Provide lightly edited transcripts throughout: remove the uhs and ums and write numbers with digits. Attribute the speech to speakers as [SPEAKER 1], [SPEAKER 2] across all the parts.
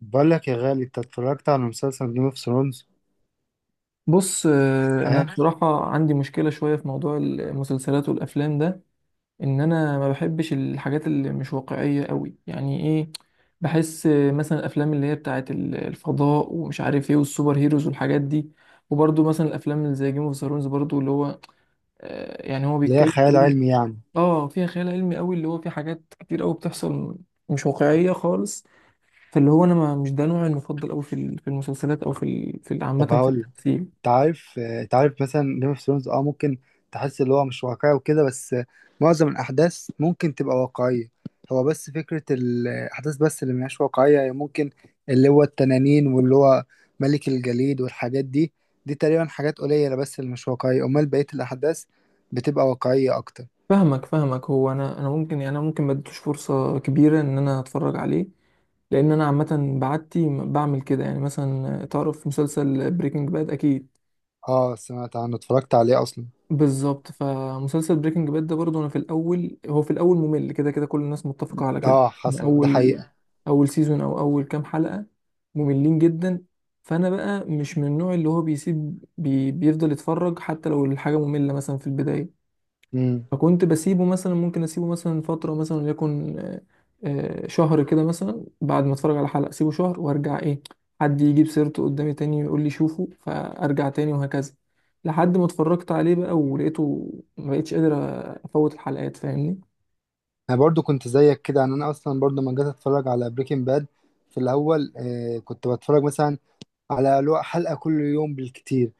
[SPEAKER 1] بقول لك يا غالي، انت اتفرجت على مسلسل جيم اوف ثرونز؟
[SPEAKER 2] بص، انا
[SPEAKER 1] اه،
[SPEAKER 2] بصراحه عندي مشكله شويه في موضوع المسلسلات والافلام ده، ان انا ما بحبش الحاجات اللي مش واقعيه قوي، يعني ايه؟ بحس مثلا الافلام اللي هي بتاعه الفضاء ومش عارف ايه والسوبر هيروز والحاجات دي. وبرده مثلا الافلام اللي زي جيم اوف ثرونز برضو اللي هو يعني هو
[SPEAKER 1] اللي هي
[SPEAKER 2] بيتكلم
[SPEAKER 1] خيال
[SPEAKER 2] تقريبا.
[SPEAKER 1] علمي يعني.
[SPEAKER 2] اه، فيها خيال علمي قوي، اللي هو في حاجات كتير قوي بتحصل مش واقعيه خالص. فاللي هو انا ما مش ده نوعي المفضل قوي في في المسلسلات، او عامه
[SPEAKER 1] طب
[SPEAKER 2] في
[SPEAKER 1] هقول لك.
[SPEAKER 2] التمثيل.
[SPEAKER 1] انت عارف، انت عارف مثلا جيم اوف ثرونز ممكن تحس اللي هو مش واقعي وكده، بس معظم الاحداث ممكن تبقى واقعيه. هو بس فكره الاحداث بس اللي مش واقعيه، هي ممكن اللي هو التنانين واللي هو ملك الجليد والحاجات دي. دي تقريبا حاجات قليله بس اللي مش واقعيه، امال بقيه الاحداث بتبقى واقعيه اكتر.
[SPEAKER 2] فاهمك فاهمك، هو انا ممكن، يعني انا ممكن ما اديتوش فرصه كبيره ان انا اتفرج عليه، لان انا عامه بعدتي بعمل كده. يعني مثلا تعرف مسلسل بريكنج باد؟ اكيد.
[SPEAKER 1] اه، سمعت عنه، اتفرجت عليه اصلا.
[SPEAKER 2] بالظبط، فمسلسل بريكنج باد ده برضه انا في الاول ممل، كده كده كل الناس متفقه على كده،
[SPEAKER 1] اه،
[SPEAKER 2] من
[SPEAKER 1] حصل ده
[SPEAKER 2] اول
[SPEAKER 1] حقيقه.
[SPEAKER 2] اول سيزون او اول كام حلقه، مملين جدا. فانا بقى مش من النوع اللي هو بيسيب بي بيفضل يتفرج حتى لو الحاجه ممله مثلا في البدايه.
[SPEAKER 1] مم.
[SPEAKER 2] فكنت بسيبه مثلا، ممكن اسيبه مثلا فترة مثلا، وليكن شهر كده مثلا. بعد ما اتفرج على حلقة اسيبه شهر وارجع، ايه، حد يجيب سيرته قدامي تاني ويقول لي شوفه، فارجع تاني، وهكذا، لحد ما اتفرجت عليه بقى ولقيته ما بقتش قادر افوت الحلقات، فاهمني؟
[SPEAKER 1] انا برضو كنت زيك كده. يعني انا اصلا برضو لما جيت اتفرج على بريكنج باد في الاول، كنت بتفرج مثلا على حلقة كل يوم بالكتير،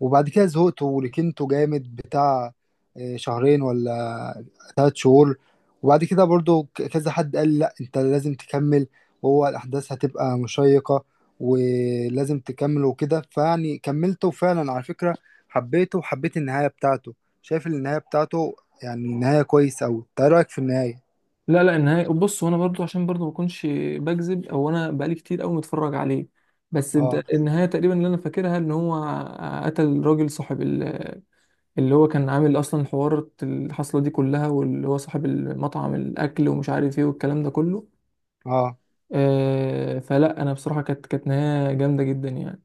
[SPEAKER 1] وبعد كده زهقت وركنته جامد بتاع شهرين ولا 3 شهور. وبعد كده برضو كذا حد قال لي لا، انت لازم تكمل، وهو الاحداث هتبقى مشيقة ولازم تكمل وكده. فيعني كملته، وفعلا على فكرة حبيته وحبيت النهاية بتاعته. شايف النهاية بتاعته؟ يعني نهاية كويس أوي، إنت إيه رأيك في النهاية؟
[SPEAKER 2] لا لا، النهاية، بص، وانا برضو عشان برضو ما اكونش بكذب، او انا بقالي كتير قوي متفرج عليه، بس انت،
[SPEAKER 1] اه.
[SPEAKER 2] النهاية تقريبا اللي انا فاكرها ان هو قتل راجل صاحب اللي هو كان عامل اصلا حوار الحصله دي كلها، واللي هو صاحب المطعم الاكل ومش عارف ايه والكلام ده كله.
[SPEAKER 1] اه.
[SPEAKER 2] آه، فلا انا بصراحه كانت نهايه جامده جدا يعني.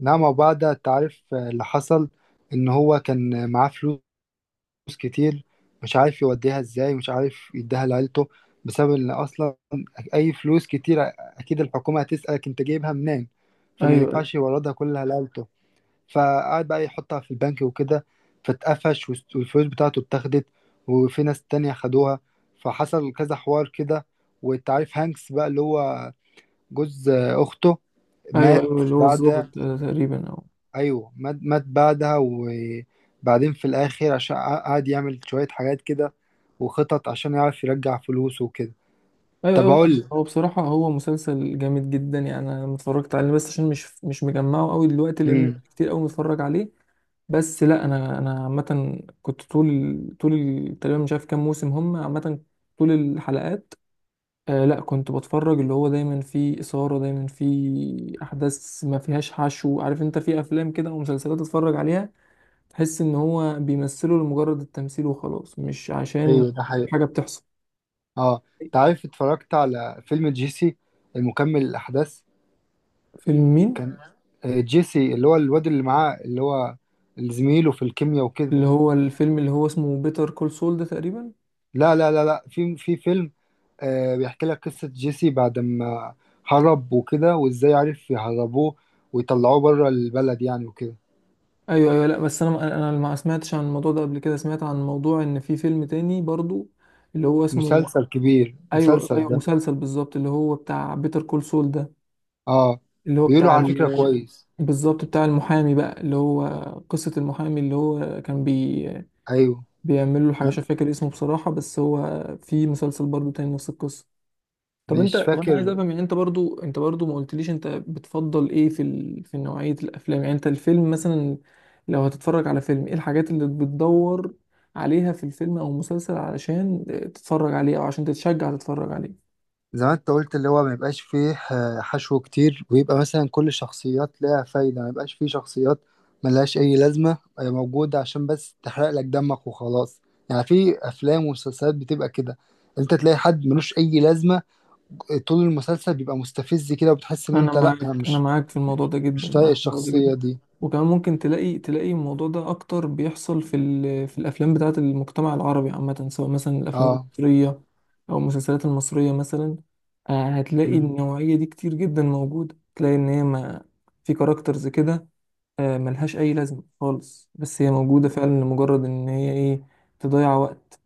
[SPEAKER 1] نعم، وبعد التعريف اللي حصل ان هو كان معاه فلوس كتير، مش عارف يوديها ازاي، مش عارف يديها لعيلته، بسبب ان اصلا اي فلوس كتير اكيد الحكومة هتسألك انت جايبها منين، فما
[SPEAKER 2] ايوه ايوه،
[SPEAKER 1] ينفعش يوردها كلها لعيلته. فقعد بقى يحطها في البنك وكده، فاتقفش، والفلوس بتاعته اتاخدت وفي ناس تانية خدوها. فحصل كذا حوار كده. والتعريف هانكس بقى اللي هو جوز اخته،
[SPEAKER 2] ايوه
[SPEAKER 1] مات
[SPEAKER 2] ايوه، اللي هو
[SPEAKER 1] بعد.
[SPEAKER 2] الظابط تقريبا، او
[SPEAKER 1] ايوه، مات بعدها، وبعدين في الاخر عشان قعد يعمل شوية حاجات كده، وخطط عشان يعرف يرجع فلوسه وكده.
[SPEAKER 2] ايوه
[SPEAKER 1] طب
[SPEAKER 2] ايوه. لا،
[SPEAKER 1] اقول لك.
[SPEAKER 2] هو بصراحه هو مسلسل جامد جدا يعني، انا لما اتفرجت عليه، بس عشان مش مجمعه قوي دلوقتي لان
[SPEAKER 1] امم
[SPEAKER 2] كتير قوي متفرج عليه. بس لا، انا عامه كنت طول، طول تقريبا مش عارف كام موسم هم، عامه طول الحلقات. لا، كنت بتفرج اللي هو دايما فيه إثارة، دايما فيه أحداث ما فيهاش حشو. عارف انت في أفلام كده أو مسلسلات تتفرج عليها، تحس إن هو بيمثله لمجرد التمثيل وخلاص، مش عشان
[SPEAKER 1] ايوه، ده حقيقي.
[SPEAKER 2] حاجة بتحصل.
[SPEAKER 1] اه، انت عارف اتفرجت على فيلم جيسي المكمل الاحداث؟
[SPEAKER 2] فيلم مين؟
[SPEAKER 1] كان جيسي اللي هو الواد اللي معاه، اللي هو اللي زميله في الكيمياء وكده.
[SPEAKER 2] اللي هو الفيلم اللي هو اسمه بيتر كول سول ده تقريبا.
[SPEAKER 1] لا لا لا لا، في فيلم بيحكي لك قصة جيسي بعد ما هرب وكده، وازاي عرف يهربوه ويطلعوه بره البلد يعني وكده.
[SPEAKER 2] ايوه ايوه، لا بس انا ما سمعتش عن الموضوع ده قبل كده، سمعت عن موضوع ان في فيلم تاني برضو اللي هو اسمه...
[SPEAKER 1] مسلسل كبير
[SPEAKER 2] ايوه
[SPEAKER 1] مسلسل
[SPEAKER 2] ايوه،
[SPEAKER 1] ده.
[SPEAKER 2] مسلسل بالظبط اللي هو بتاع بيتر كول سول ده.
[SPEAKER 1] اه،
[SPEAKER 2] اللي هو
[SPEAKER 1] بيقولوا
[SPEAKER 2] بتاع
[SPEAKER 1] على فكرة كويس.
[SPEAKER 2] بالظبط بتاع المحامي بقى، اللي هو قصة المحامي اللي هو كان
[SPEAKER 1] ايوه.
[SPEAKER 2] بيعمل له حاجة،
[SPEAKER 1] لا،
[SPEAKER 2] مش فاكر اسمه بصراحة، بس هو في مسلسل برضو تاني نفس القصة.
[SPEAKER 1] مش
[SPEAKER 2] طب انا عايز
[SPEAKER 1] فاكر.
[SPEAKER 2] افهم، يعني انت برضو، ما قلتليش انت بتفضل ايه في في نوعية الافلام. يعني انت الفيلم مثلا، لو هتتفرج على فيلم، ايه الحاجات اللي بتدور عليها في الفيلم او المسلسل علشان تتفرج عليه، او عشان تتشجع تتفرج عليه؟
[SPEAKER 1] زي ما انت قلت، اللي هو ما يبقاش فيه حشو كتير، ويبقى مثلا كل شخصيات لها فايدة، ما يبقاش فيه شخصيات ملهاش اي لازمة هي موجودة عشان بس تحرق لك دمك وخلاص. يعني في افلام ومسلسلات بتبقى كده، انت تلاقي حد ملوش اي لازمة طول المسلسل، بيبقى مستفز كده، وبتحس ان
[SPEAKER 2] انا
[SPEAKER 1] انت، لا انا
[SPEAKER 2] معاك، انا
[SPEAKER 1] مش
[SPEAKER 2] معاك في الموضوع ده
[SPEAKER 1] مش
[SPEAKER 2] جدا،
[SPEAKER 1] طايق
[SPEAKER 2] معاك في الموضوع ده
[SPEAKER 1] الشخصية
[SPEAKER 2] جدا.
[SPEAKER 1] دي.
[SPEAKER 2] وكمان ممكن تلاقي الموضوع ده اكتر بيحصل في في الافلام بتاعه المجتمع العربي عامه، سواء مثلا الافلام
[SPEAKER 1] اه،
[SPEAKER 2] المصريه او المسلسلات المصريه مثلا. هتلاقي النوعيه دي كتير جدا موجوده، تلاقي ان هي ما في كاركترز كده، ملهاش اي لازمه خالص، بس هي موجوده فعلا لمجرد ان هي، ايه، تضيع وقت.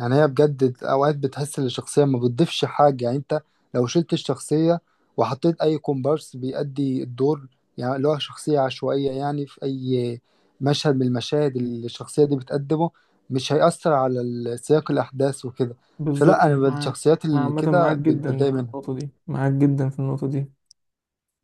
[SPEAKER 1] يعني هي بجد اوقات بتحس ان الشخصيه ما بتضيفش حاجه. يعني انت لو شلت الشخصيه وحطيت اي كومبارس بيأدي الدور، يعني اللي هو شخصيه عشوائيه، يعني في اي مشهد من المشاهد اللي الشخصيه دي بتقدمه، مش هيأثر على سياق الاحداث وكده.
[SPEAKER 2] بالظبط
[SPEAKER 1] فلا، انا
[SPEAKER 2] معاك.
[SPEAKER 1] الشخصيات
[SPEAKER 2] انا
[SPEAKER 1] اللي
[SPEAKER 2] عامه
[SPEAKER 1] كده
[SPEAKER 2] معاك جدا
[SPEAKER 1] بتضايق
[SPEAKER 2] في
[SPEAKER 1] منها.
[SPEAKER 2] النقطه دي، معاك جدا في النقطه دي.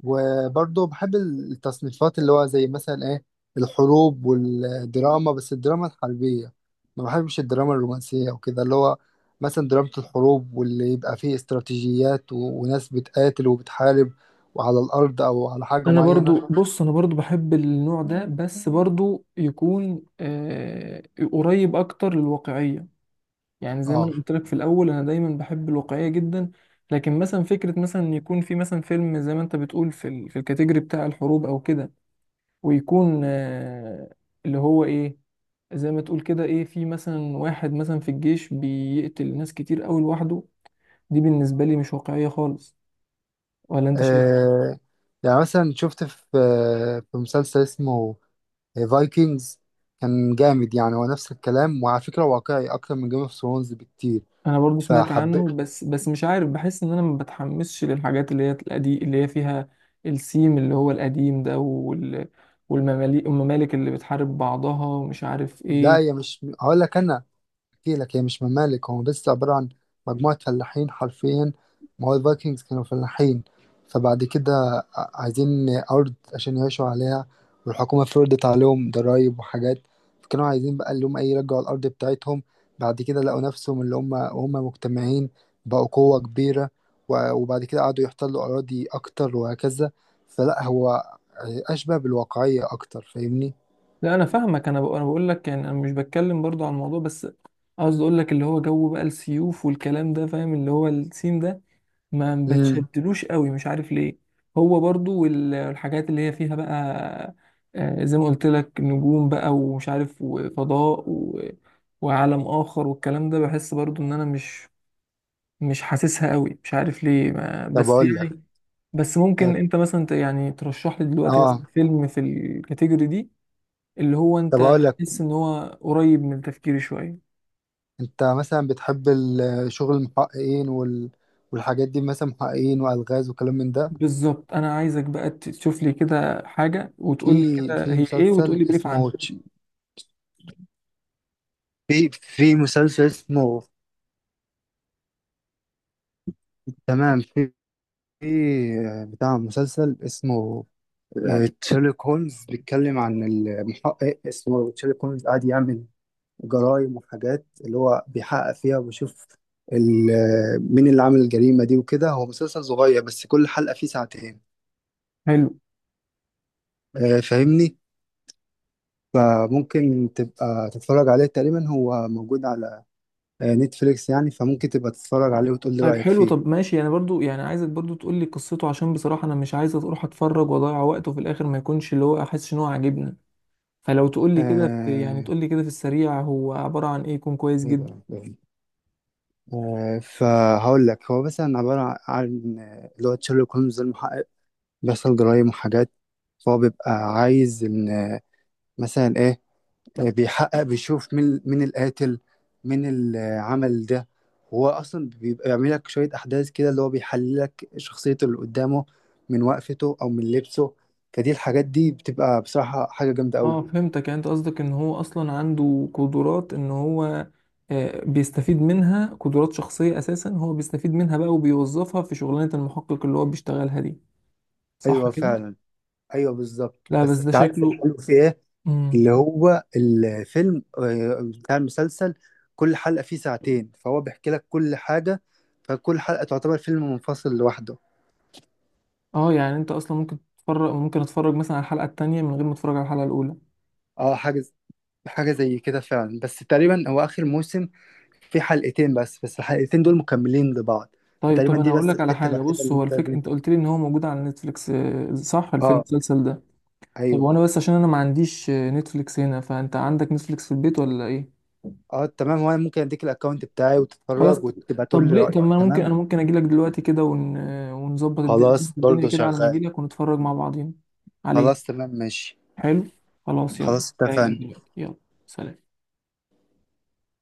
[SPEAKER 1] وبرضه بحب التصنيفات اللي هو زي مثلا ايه، الحروب والدراما، بس الدراما الحربية. ما بحبش الدراما الرومانسية وكده. اللي هو مثلا دراما الحروب، واللي يبقى فيه استراتيجيات و... وناس بتقاتل وبتحارب وعلى الأرض أو على حاجة
[SPEAKER 2] انا
[SPEAKER 1] معينة.
[SPEAKER 2] برضو، بص، انا برضو بحب النوع ده، بس برضو يكون قريب اكتر للواقعية. يعني زي ما
[SPEAKER 1] اه.
[SPEAKER 2] انا قلت لك في الاول، انا دايما بحب الواقعية جدا، لكن مثلا فكرة مثلا إن يكون في مثلا فيلم زي ما انت بتقول في في الكاتيجوري بتاع الحروب او كده، ويكون اللي هو ايه، زي ما تقول كده، ايه، في مثلا واحد مثلا في الجيش بيقتل ناس كتير قوي لوحده، دي بالنسبة لي مش واقعية خالص، ولا انت شايف؟
[SPEAKER 1] آه، يعني مثلا شفت في مسلسل اسمه فايكنجز، كان جامد. يعني هو نفس الكلام، وعلى فكرة واقعي أكتر من جيم اوف ثرونز بكتير،
[SPEAKER 2] انا برضو سمعت
[SPEAKER 1] فحبيت.
[SPEAKER 2] عنه، بس مش عارف، بحس ان انا ما بتحمسش للحاجات اللي هي القديم، اللي هي فيها السيم اللي هو القديم ده، والمماليك والممالك اللي بتحارب بعضها ومش عارف
[SPEAKER 1] لا، هي
[SPEAKER 2] ايه.
[SPEAKER 1] مش، هقول لك انا احكي لك. هي مش ممالك، هو بس عبارة عن مجموعة فلاحين حرفيا. ما هو الفايكنجز كانوا فلاحين. فبعد كده عايزين أرض عشان يعيشوا عليها، والحكومة فرضت عليهم ضرايب وحاجات. فكانوا عايزين بقى اللي هم ايه، يرجعوا الأرض بتاعتهم. بعد كده لقوا نفسهم اللي هم، وهم مجتمعين بقوا قوة كبيرة، وبعد كده قعدوا يحتلوا أراضي أكتر وهكذا. فلا، هو أشبه بالواقعية أكتر، فاهمني؟
[SPEAKER 2] لا انا فاهمك، انا بقول، لك يعني انا مش بتكلم برضو عن الموضوع، بس قصدي اقول لك اللي هو جو بقى السيوف والكلام ده، فاهم؟ اللي هو السيم ده ما
[SPEAKER 1] امم
[SPEAKER 2] بتشدلوش قوي، مش عارف ليه. هو برضو والحاجات اللي هي فيها بقى، زي ما قلت لك، نجوم بقى ومش عارف، وفضاء وعالم آخر والكلام ده، بحس برضو ان انا مش حاسسها قوي، مش عارف ليه ما...
[SPEAKER 1] طب
[SPEAKER 2] بس
[SPEAKER 1] أقول لك.
[SPEAKER 2] يعني. بس ممكن انت مثلا يعني ترشح لي دلوقتي
[SPEAKER 1] اه.
[SPEAKER 2] مثلا فيلم في الكاتيجوري دي، اللي هو
[SPEAKER 1] طب
[SPEAKER 2] انت
[SPEAKER 1] أقول لك،
[SPEAKER 2] تحس ان هو قريب من تفكيري شوية؟
[SPEAKER 1] انت مثلا بتحب شغل المحققين وال... والحاجات دي؟ مثلا محققين والغاز وكلام من ده.
[SPEAKER 2] بالظبط، انا عايزك بقى تشوف لي كده حاجة
[SPEAKER 1] في
[SPEAKER 2] وتقول لي كده
[SPEAKER 1] في
[SPEAKER 2] هي ايه، وتقول لي بريف عنها.
[SPEAKER 1] في مسلسل اسمه، تمام، في بتاع مسلسل اسمه تشيرلوك هولمز، بيتكلم عن المحقق اسمه تشيرلوك هولمز، قاعد يعمل جرائم وحاجات اللي هو بيحقق فيها، وبيشوف مين اللي عمل الجريمة دي وكده. هو مسلسل صغير، بس كل حلقة فيه ساعتين.
[SPEAKER 2] حلو.
[SPEAKER 1] فاهمني؟ فممكن تبقى تتفرج عليه. تقريبا هو موجود على نتفليكس يعني، فممكن تبقى تتفرج عليه وتقول لي
[SPEAKER 2] طيب
[SPEAKER 1] رأيك
[SPEAKER 2] حلو،
[SPEAKER 1] فيه.
[SPEAKER 2] طب ماشي، انا برضو يعني عايزك برضو تقول لي قصته، عشان بصراحة انا مش عايز اروح اتفرج واضيع وقت وفي الاخر ما يكونش اللي هو احس ان هو عاجبني. فلو تقول لي كده في، يعني
[SPEAKER 1] آه،
[SPEAKER 2] تقول لي كده في السريع هو عبارة عن ايه، يكون كويس
[SPEAKER 1] إيه
[SPEAKER 2] جدا.
[SPEAKER 1] ده؟ فهقول لك. هو مثلا عبارة عن اللي هو تشيرلوك هولمز ده المحقق، بيحصل جرايم وحاجات، فهو بيبقى عايز إن مثلا إيه، بيحقق بيشوف مين مين القاتل، مين اللي عمل ده. هو اصلا بيبقى بيعمل لك شويه احداث كده، اللي هو بيحلل لك شخصيته اللي قدامه من وقفته او من لبسه. فدي الحاجات دي بتبقى بصراحه حاجه جامده قوي.
[SPEAKER 2] اه فهمتك، يعني انت قصدك ان هو اصلا عنده قدرات، ان هو بيستفيد منها، قدرات شخصية اساسا هو بيستفيد منها بقى وبيوظفها في شغلانة المحقق اللي هو بيشتغلها دي، صح
[SPEAKER 1] ايوه
[SPEAKER 2] كده؟
[SPEAKER 1] فعلا. ايوه بالظبط.
[SPEAKER 2] لا بس
[SPEAKER 1] بس
[SPEAKER 2] ده
[SPEAKER 1] انت عارف
[SPEAKER 2] شكله.
[SPEAKER 1] الحلو في ايه؟
[SPEAKER 2] مم.
[SPEAKER 1] اللي هو الفيلم، بتاع المسلسل، كل حلقه فيه ساعتين، فهو بيحكي لك كل حاجه. فكل حلقه تعتبر فيلم منفصل لوحده.
[SPEAKER 2] اه، يعني انت اصلا ممكن تتفرج، ممكن اتفرج مثلا على الحلقه التانية من غير ما اتفرج على الحلقه الاولى؟
[SPEAKER 1] اه. حاجه، حاجة زي كده فعلا، بس تقريبا هو آخر موسم في حلقتين بس، بس الحلقتين دول مكملين لبعض.
[SPEAKER 2] طيب، طب
[SPEAKER 1] فتقريبا
[SPEAKER 2] انا
[SPEAKER 1] دي
[SPEAKER 2] اقول
[SPEAKER 1] بس
[SPEAKER 2] لك على
[SPEAKER 1] الحتة
[SPEAKER 2] حاجه،
[SPEAKER 1] الوحيدة
[SPEAKER 2] بص،
[SPEAKER 1] اللي
[SPEAKER 2] هو
[SPEAKER 1] انت
[SPEAKER 2] الفكره
[SPEAKER 1] لازم
[SPEAKER 2] انت قلت لي ان هو موجود على نتفليكس، صح؟ الفيلم
[SPEAKER 1] اه.
[SPEAKER 2] المسلسل ده. طب
[SPEAKER 1] ايوه.
[SPEAKER 2] وانا بس عشان انا ما عنديش نتفليكس هنا، فانت عندك نتفليكس في البيت ولا ايه؟
[SPEAKER 1] اه، تمام. وانا ممكن اديك الاكونت بتاعي
[SPEAKER 2] خلاص.
[SPEAKER 1] وتتفرج، وتبقى تقول
[SPEAKER 2] طب
[SPEAKER 1] لي
[SPEAKER 2] ليه؟ طب
[SPEAKER 1] رأيك.
[SPEAKER 2] ما انا ممكن،
[SPEAKER 1] تمام.
[SPEAKER 2] اجي لك دلوقتي كده ون... آه، ونظبط
[SPEAKER 1] خلاص،
[SPEAKER 2] الدنيا
[SPEAKER 1] برضو
[SPEAKER 2] كده على ما
[SPEAKER 1] شغال.
[SPEAKER 2] اجي لك، ونتفرج مع بعضين
[SPEAKER 1] خلاص،
[SPEAKER 2] عليه.
[SPEAKER 1] تمام، ماشي.
[SPEAKER 2] حلو. خلاص، يلا.
[SPEAKER 1] خلاص،
[SPEAKER 2] جاي لك
[SPEAKER 1] اتفقنا.
[SPEAKER 2] دلوقتي، يلا. سلام.